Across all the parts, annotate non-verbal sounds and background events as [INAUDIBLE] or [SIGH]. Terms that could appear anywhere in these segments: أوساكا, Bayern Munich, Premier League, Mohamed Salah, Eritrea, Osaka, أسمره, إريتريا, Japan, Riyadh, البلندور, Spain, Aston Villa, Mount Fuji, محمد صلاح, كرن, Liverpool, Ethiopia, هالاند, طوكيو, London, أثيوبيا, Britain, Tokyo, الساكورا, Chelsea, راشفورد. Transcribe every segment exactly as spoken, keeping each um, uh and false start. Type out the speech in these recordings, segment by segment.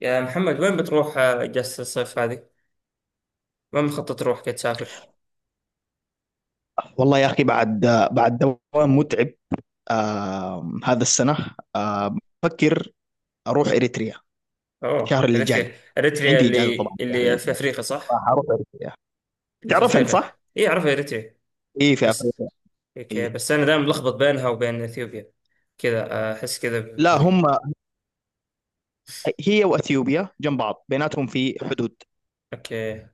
يا محمد وين بتروح آه، اجازة الصيف هذه؟ وين مخطط تروح كي تسافر؟ والله يا أخي بعد بعد دوام متعب. آه هذا السنة، آه بفكر أروح إريتريا الشهر اوه اللي اريتريا جاي. اريتريا عندي إجازة اللي طبعا الشهر اللي اللي في جاي، افريقيا صح؟ راح أروح إريتريا. اللي في تعرف أنت افريقيا صح؟ اي اعرفها اريتريا. إيه، في بس أفريقيا. اوكي، إيه. بس انا دائما ملخبط بينها وبين اثيوبيا كذا آه، احس كذا ب- لا، ب- هم، هي وأثيوبيا جنب بعض، بيناتهم في حدود. اوكي.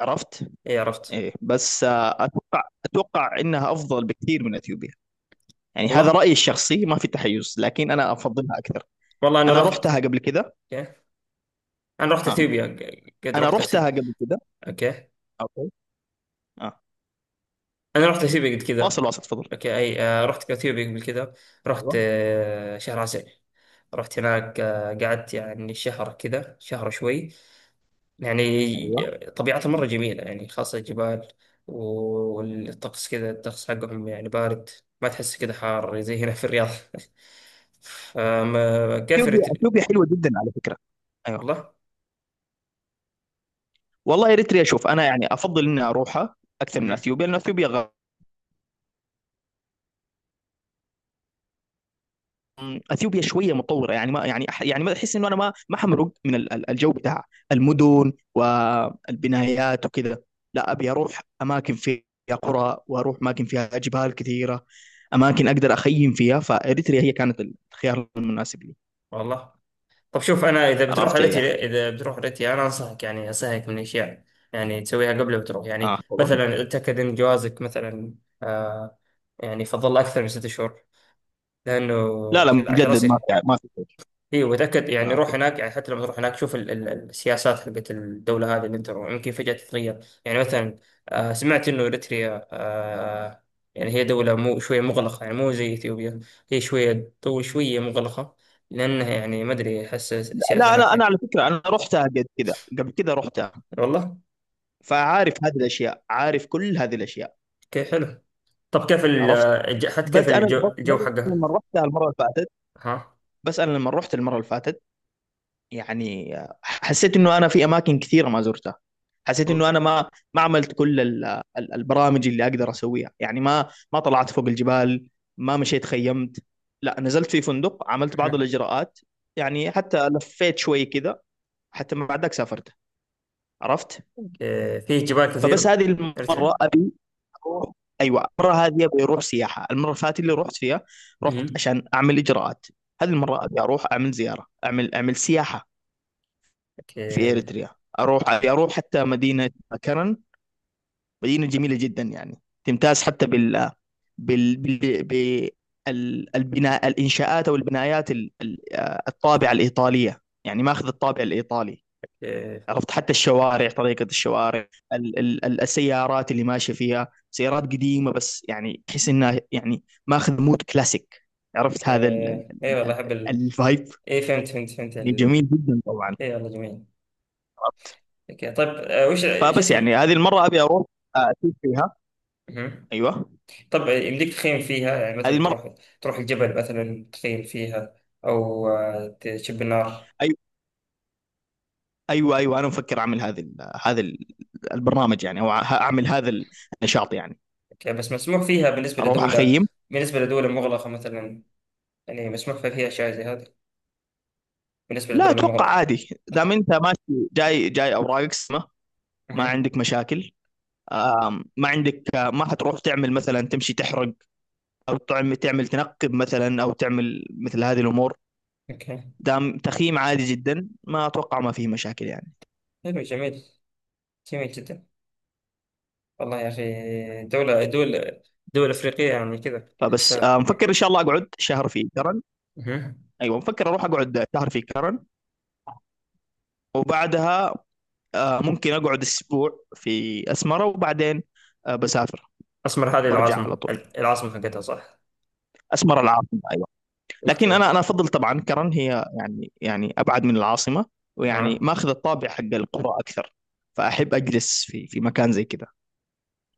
عرفت؟ اي عرفت. إيه. بس آه أتوقع أتوقع إنها أفضل بكثير من أثيوبيا. يعني هذا والله. رأيي الشخصي، ما في تحيز، لكن أنا أفضلها أكثر. والله انا أنا رحت. رحتها قبل كده. اوكي انا رحت آه. اثيوبيا، ق- قد أنا رحت رحتها اثيوبيا. قبل كده. اوكي أوكي. آه. انا رحت اثيوبيا قبل واصل كذا. واصل، تفضل. اوكي اي آه، رحت اثيوبيا قبل كذا. رحت أيوة. آه، شهر عسل. رحت هناك آه، قعدت يعني شهر كذا، شهر شوي ايوه. يعني. طبيعتها م. مرة جميلة يعني، خاصة الجبال. والطقس كذا، الطقس حقهم يعني بارد. ما تحس كذا حار زي هنا في الرياض [LAUGHS] فما كيف اثيوبيا رت- اثيوبيا حلوه جدا على فكره. ايوه. والله. والله اريتريا، شوف انا يعني افضل اني اروحها اكثر من مهم. اثيوبيا، لان اثيوبيا غ... اثيوبيا شويه متطوره. يعني ما، يعني أح- يعني ما احس انه انا ما ما حمرق من ال- ال- الجو بتاع المدن والبنايات وكذا. لا، ابي اروح اماكن فيها قرى، واروح اماكن فيها جبال كثيره، اماكن اقدر اخيم فيها. فاريتريا هي كانت الخيار المناسب لي. والله طب شوف، انا اذا بتروح عرفت؟ ايه. رحلتي اذا بتروح رحلتي انا انصحك، يعني انصحك من اشياء يعني، يعني تسويها قبل ما تروح. يعني اه، طبعا. مثلا اتاكد ان جوازك مثلا، آه، يعني يفضل اكثر من ست شهور، لانه لا لا، عشان، عشان مجدد، ما اصير. في ما في شيء. اي، وتاكد آه، يعني، روح اوكي. هناك يعني، حتى لما تروح هناك شوف ال- ال- السياسات حقت الدوله هذه اللي انت رو- يمكن فجاه تتغير. يعني مثلا، آه، سمعت انه اريتريا، آه، يعني هي دوله مو شويه مغلقه، يعني مو زي اثيوبيا. هي شويه تو شويه مغلقه، لانها يعني ما ادري، احس السياسه لا لا، انا هناك. على فكره، انا رحتها قبل كذا. قبل كذا رحتها. والله. فعارف هذه الاشياء، عارف كل هذه الاشياء. كيف حلو. طب كيف ال عرفت. الج- حتى بس كيف انا الجو, بس بس الجو حقها. لما رحتها المره اللي فاتت. ها. بس انا لما رحت المره اللي فاتت، يعني حسيت انه انا في اماكن كثيره ما زرتها. حسيت انه انا والله. ما ما عملت كل ال- ال- البرامج اللي اقدر اسويها. يعني ما ما طلعت فوق الجبال، ما مشيت، خيمت. لا، نزلت في فندق، عملت بعض أها. الاجراءات. يعني حتى لفيت شوي كذا، حتى ما بعدك سافرت. عرفت؟ أوكي. فيه جبال فبس كثيرة، هذه المره أريتريا. ابي اروح. ايوه، المره هذه ابي اروح سياحه. المره اللي فاتت اللي رحت فيها، أها. رحت عشان اعمل اجراءات. هذه المره ابي اروح اعمل زياره، اعمل اعمل سياحه في اوكي. اريتريا. اروح، ابي اروح حتى مدينه كرن. مدينه جميله جدا، يعني تمتاز حتى بال بال بال بال- البناء الانشاءات او البنايات، ال- ال- الطابعه الايطاليه، يعني ماخذ الطابع الايطالي. اوكي. عرفت؟ حتى الشوارع، طريقة الشوارع، ال ال ال- السيارات اللي ماشية فيها، سيارات قديمة، بس يعني تحس انها يعني ماخذ مود كلاسيك. عرفت، اوكي، هذا ال- ال- اي ال- والله ال- احب ال... الفايب. اي فهمت، فهمت فهمت ال... جميل جدا طبعا. اي والله جميل. عرفت؟ اوكي طيب، آه، وش ايش فبس اسم. يعني هذه المرة ابي اروح آه، اشوف فيها. أها. ايوه، طب يمديك تخيم فيها، يعني هذه مثلا المرة. تروح، تروح الجبل مثلا، تخيم فيها او آه، تشب النار. أيوة. ايوه ايوه، انا مفكر اعمل هذا ال- هذا ال- البرنامج، يعني او ه- اعمل هذا النشاط يعني. اوكي، بس مسموح فيها بالنسبة اروح لدولة، اخيم. بالنسبة لدولة مغلقة مثلا؟ يعني مسموح فيها فيها أشياء زي هذه، بالنسبة لا، للدول اتوقع المغرقة؟ عادي، دام انت ماشي جاي، جاي اوراقك سليمة، ما أها. عندك مشاكل. آم، ما عندك، آه، ما حتروح تعمل مثلا، تمشي تحرق، او تعمل تعمل تنقب مثلا، او تعمل مثل هذه الامور. أوكي. دام تخييم، عادي جدا، ما اتوقع ما فيه مشاكل يعني. حلو، جميل. جميل جدا. والله يا أخي، دولة دول، دول أفريقية يعني كذا فبس تحسها. آه، مفكر ان شاء الله اقعد شهر في كرن. أها. ايوه مفكر اروح اقعد شهر في كرن، وبعدها آه، ممكن اقعد اسبوع في اسمره، وبعدين آه، بسافر، أسمر هذه برجع على العاصمة، طول. العاصمة حقتها صح؟ اسمره العاصمه. أيوة. لكن أوكي. انا انا افضل طبعا كرن. هي يعني يعني ابعد من العاصمه، ويعني أها. ماخذ الطابع حق القرى اكثر. فاحب اجلس في في مكان زي كذا.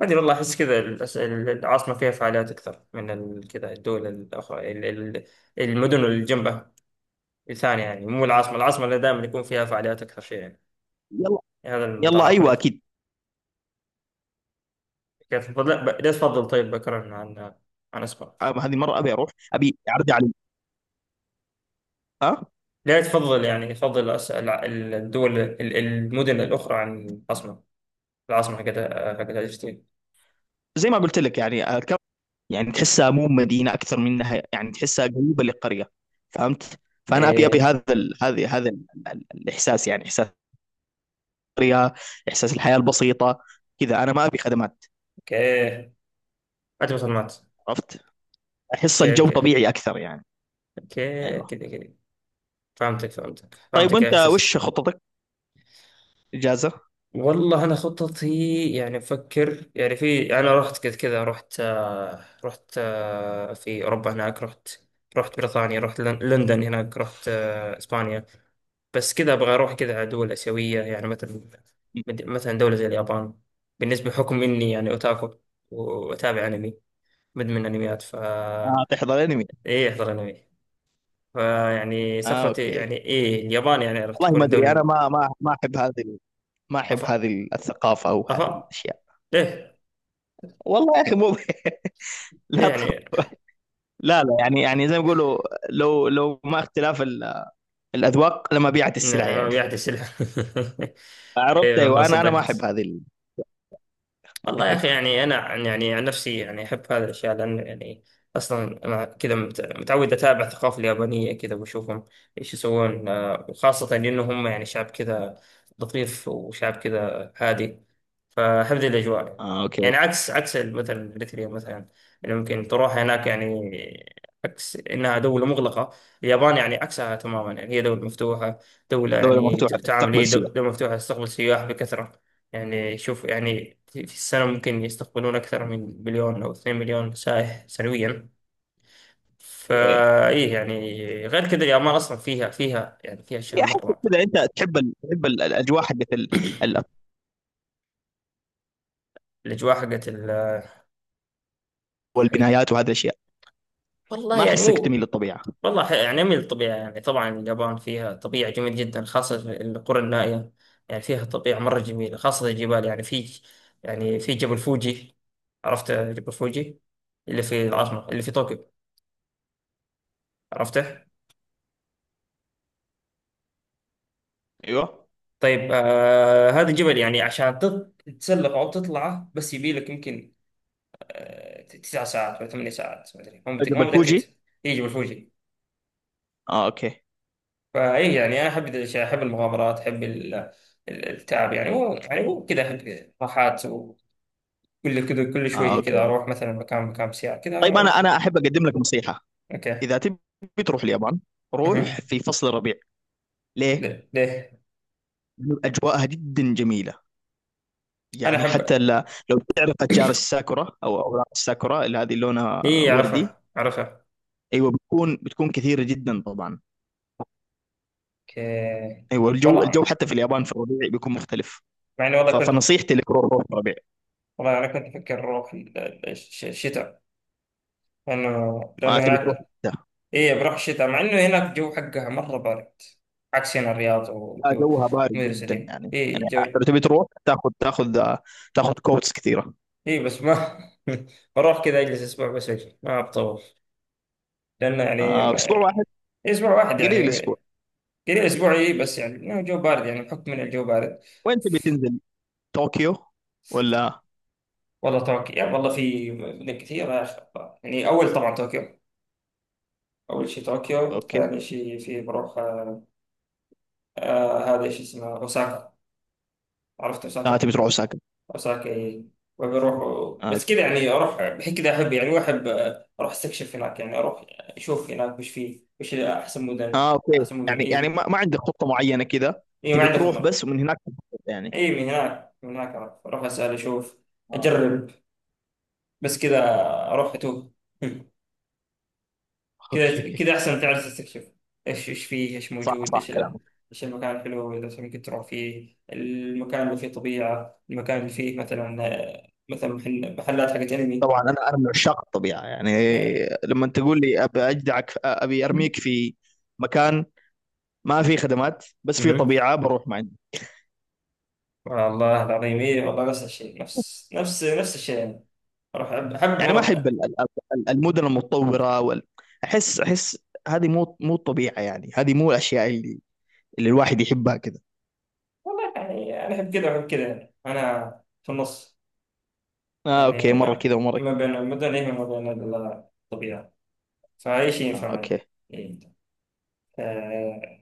ما أدري والله، أحس كذا الأس- العاصمة فيها فعاليات أكثر من ال- كذا الدول الأخرى ال- ال- المدن اللي جنبها الثانية، يعني مو العاصمة. العاصمة اللي دائما يكون فيها فعاليات أكثر شيء يعني. يلا، هذا يلا. المتعارف ايوه، عليه. اكيد. كيف لا، ب- ليش تفضل طيب بكرا عن، عن أسبق؟ أم- هذه مره ابي اروح، ابي اعرض علي. ها. لا تفضل، يعني يفضل أس- الع- الدول ال- المدن الأخرى عن العاصمة. العاصمة هكذا، هكذا أجتين. زي ما قلت لك يعني الكرم، يعني تحسها مو مدينه، اكثر منها يعني تحسها قريبه للقريه. فهمت؟ فانا ابي ابي إيه. هذا ال... هذا هذا ال... ال- الاحساس، يعني احساس القريه، احساس الحياه البسيطه. كذا انا ما ابي خدمات. أوكي. أنت معلومات. عرفت؟ احس أوكي. الجو أوكي. طبيعي اكثر يعني. أوكي ايوه. كذا كذا. فهمتك فهمتك طيب فهمتك يا وانت إحساس. وش خططك اجازه؟ والله أنا خططي، يعني أفكر يعني في، أنا رحت كذا كذا، رحت آه، رحت آه، في أوروبا، هناك رحت. رحت بريطانيا، رحت لن- لندن، هناك رحت آه، إسبانيا. بس كذا أبغى أروح كذا على دول آسيوية يعني، مثلا مد- مثلا دولة زي اليابان. بالنسبة بحكم إني يعني أوتاكو وأتابع أنمي، مدمن أنميات اه، فا، تحضر انمي. إيه أحضر أنمي. فيعني اه، سفرتي اوكي. يعني، إيه اليابان يعني راح والله تكون ما ادري، انا الدولة. ما ما ما احب هذه ال- ما احب أفا. هذه الثقافه او هذه أفا. الاشياء. ليه؟ والله يا اخي، مو [LAUGHS] ليه لا طب. يعني؟ لا لا، يعني يعني زي ما يقولوا، لو لو ما اختلاف ال- الاذواق لما بيعت ن- السلع أنا ما يعني. بيعطي سلعة [LAUGHS] عرفت؟ إيه والله ايوه، انا انا ما احب صدقت. هذه ال... والله يا أخي ايوه. يعني، أنا عن- يعني عن نفسي يعني أحب هذه الأشياء، لأن يعني أصلا أنا كذا مت- متعود أتابع الثقافة اليابانية كذا، وأشوفهم إيش يسوون آه، وخاصة إنه هم يعني شعب كذا لطيف، وشعب كذا هادي، فحفظ الأجواء. اه، اوكي. يعني عكس، عكس مثلا إريتريا مثلا، اللي ممكن تروح هناك يعني عكس إنها دولة مغلقة. اليابان يعني عكسها تماما، يعني هي دولة مفتوحة. دولة دوله يعني ت- مفتوحه، تعامل، تستقبل هي دو- سياح. دولة مفتوحة، تستقبل سياح بكثرة. يعني شوف يعني، في في السنة ممكن يستقبلون أكثر من مليون أو اثنين مليون مليون سائح سنويا. إيه. فإيه يعني غير كذا، اليابان أصلا فيها فيها يعني فيها أشياء يا احسك مرة. كذا انت تحب ال... تحب ال- الاجواء حقت ال... ال- الأجواء حقت ال، حقت، والبنايات وهذه الاشياء. والله ما يعني احسك مو، تميل للطبيعه. والله ح- يعني من الطبيعة، يعني طبعا اليابان فيها طبيعة جميلة جدا، خاصة في القرى النائية. يعني فيها طبيعة مرة جميلة، خاصة الجبال. يعني في، يعني في جبل فوجي. عرفت جبل فوجي، اللي في العاصمة، اللي في طوكيو؟ عرفته. ايوه، طيب آه، هذا الجبل يعني عشان تط- تتسلق أو تطلعه بس، يبي لك يمكن آه تسع ساعات ولا ثمانية ساعات، ما أدري مو متأكد، مو جبل متأكد. فوجي. هي جبل فوجي. اه، اوكي. فاي يعني انا احب ذي الاشياء، احب المغامرات، احب ال- ال- التعب يعني، مو يعني مو كذا احب راحات كل كده، كل اه، شوية كده اوكي. أروح مثلا مكان، مكان ساعة كده طيب، انا أروح. انا احب اقدم لك نصيحه. أوكي. اذا تبي تروح اليابان، مهم. روح في فصل الربيع. ليه؟ ليه؟ ليه؟ لأنه اجواءها جدا جميله. أنا يعني أحب. حتى ل- لو تعرف اشجار الساكورا، او اوراق الساكورا اللي هذه لونها إيه وردي. عرفها، عرفها. ايوه، بتكون بتكون كثيره جدا طبعا. أوكي. ايوه، الجو الجو والله حتى في اليابان في الربيع بيكون مختلف. مع إني والله ف- كنت، فنصيحتي لك، روح روح في الربيع. والله أنا كنت أفكر أروح في ال- ال- الش- الشتاء، لأنه، ما لأنه تبي تروح هناك، ده. إيه بروح الشتاء مع إنه هناك الجو حقها مرة بارد، عكس هنا الرياض لا، والجو جوها بارد المدرسة جدا، دي يعني يعني إيه جو. لو تبي تروح تاخذ تاخذ تاخذ كوتس كثيره. إيه بس ما [LAUGHS] بروح كذا أجلس أسبوع بس، أجي ما بطول، لأنه يعني آه، اسبوع ما- واحد، أسبوع واحد قليل يعني الاسبوع. قليل. اسبوعي بس، يعني إنه الجو بارد، يعني بحكم من الجو بارد. وين تبي تنزل؟ طوكيو ولا؟ والله طوكيو يعني، والله في مدن كثيره يا اخي الله. يعني اول طبعا طوكيو، اول شيء طوكيو، اوكي. ثاني شيء في بروح آه، آه، هذا ايش اسمه، اوساكا. عرفت اه، تبي اوساكا؟ تروح اوساكا. اوساكا إيه. وبروح آه، بس اوكي. كذا يعني، اروح بحيث كذا احب يعني، واحب آه، اروح استكشف هناك يعني، اروح اشوف هناك وش فيه، وش احسن مدن، اه، اوكي. احسن مدن. يعني يعني ايه ما, ما عندك خطة معينة كذا؟ ايه ما تبي عندي تروح، خطه. بس ومن هناك تخطط يعني. ايه من هناك، من هناك اروح اسال، اشوف، آه، اجرب، بس كذا، اروح اتوه [LAUGHS] كذا اوكي. كذا أحسن، تعرف تستكشف. إيش، إيش فيه، إيش صح، موجود، صح إيش ال... كلامك. إيش المكان الحلو اللي مثلا ممكن تروح فيه، المكان اللي فيه طبيعة، المكان اللي فيه مثلا آه، مثلا محل... محلات حقت أنمي. طبعا انا انا من عشاق الطبيعه يعني. آه، لما تقول لي، ابي اجدعك، ابي ارميك في مكان ما في خدمات، بس في مهم. طبيعه، بروح، ما عندي. والله العظيم إيه، والله نفس الشيء، نفس نفس نفس الشيء يعني. أروح أحب، أحب يعني ما احب مرة. ال- ال- ال- المدن المتطوره وال... احس احس هذه مو مو الطبيعه، يعني هذه مو الاشياء اللي اللي الواحد يحبها. والله يعني أنا أحب كذا وأحب كذا، يعني أنا في النص اه، اوكي. يعني، مرة ما، كذا ومرة ما كذا. بين، ما بين إيه وما بين الطبيعة، فأي شيء ينفع آه، معي. اوكي. إيه. آه،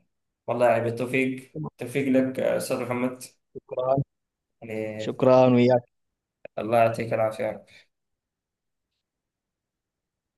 والله يعني بالتوفيق، التوفيق لك أستاذ محمد. شكرا. يعني شكرا وياك. الله يعطيك العافية.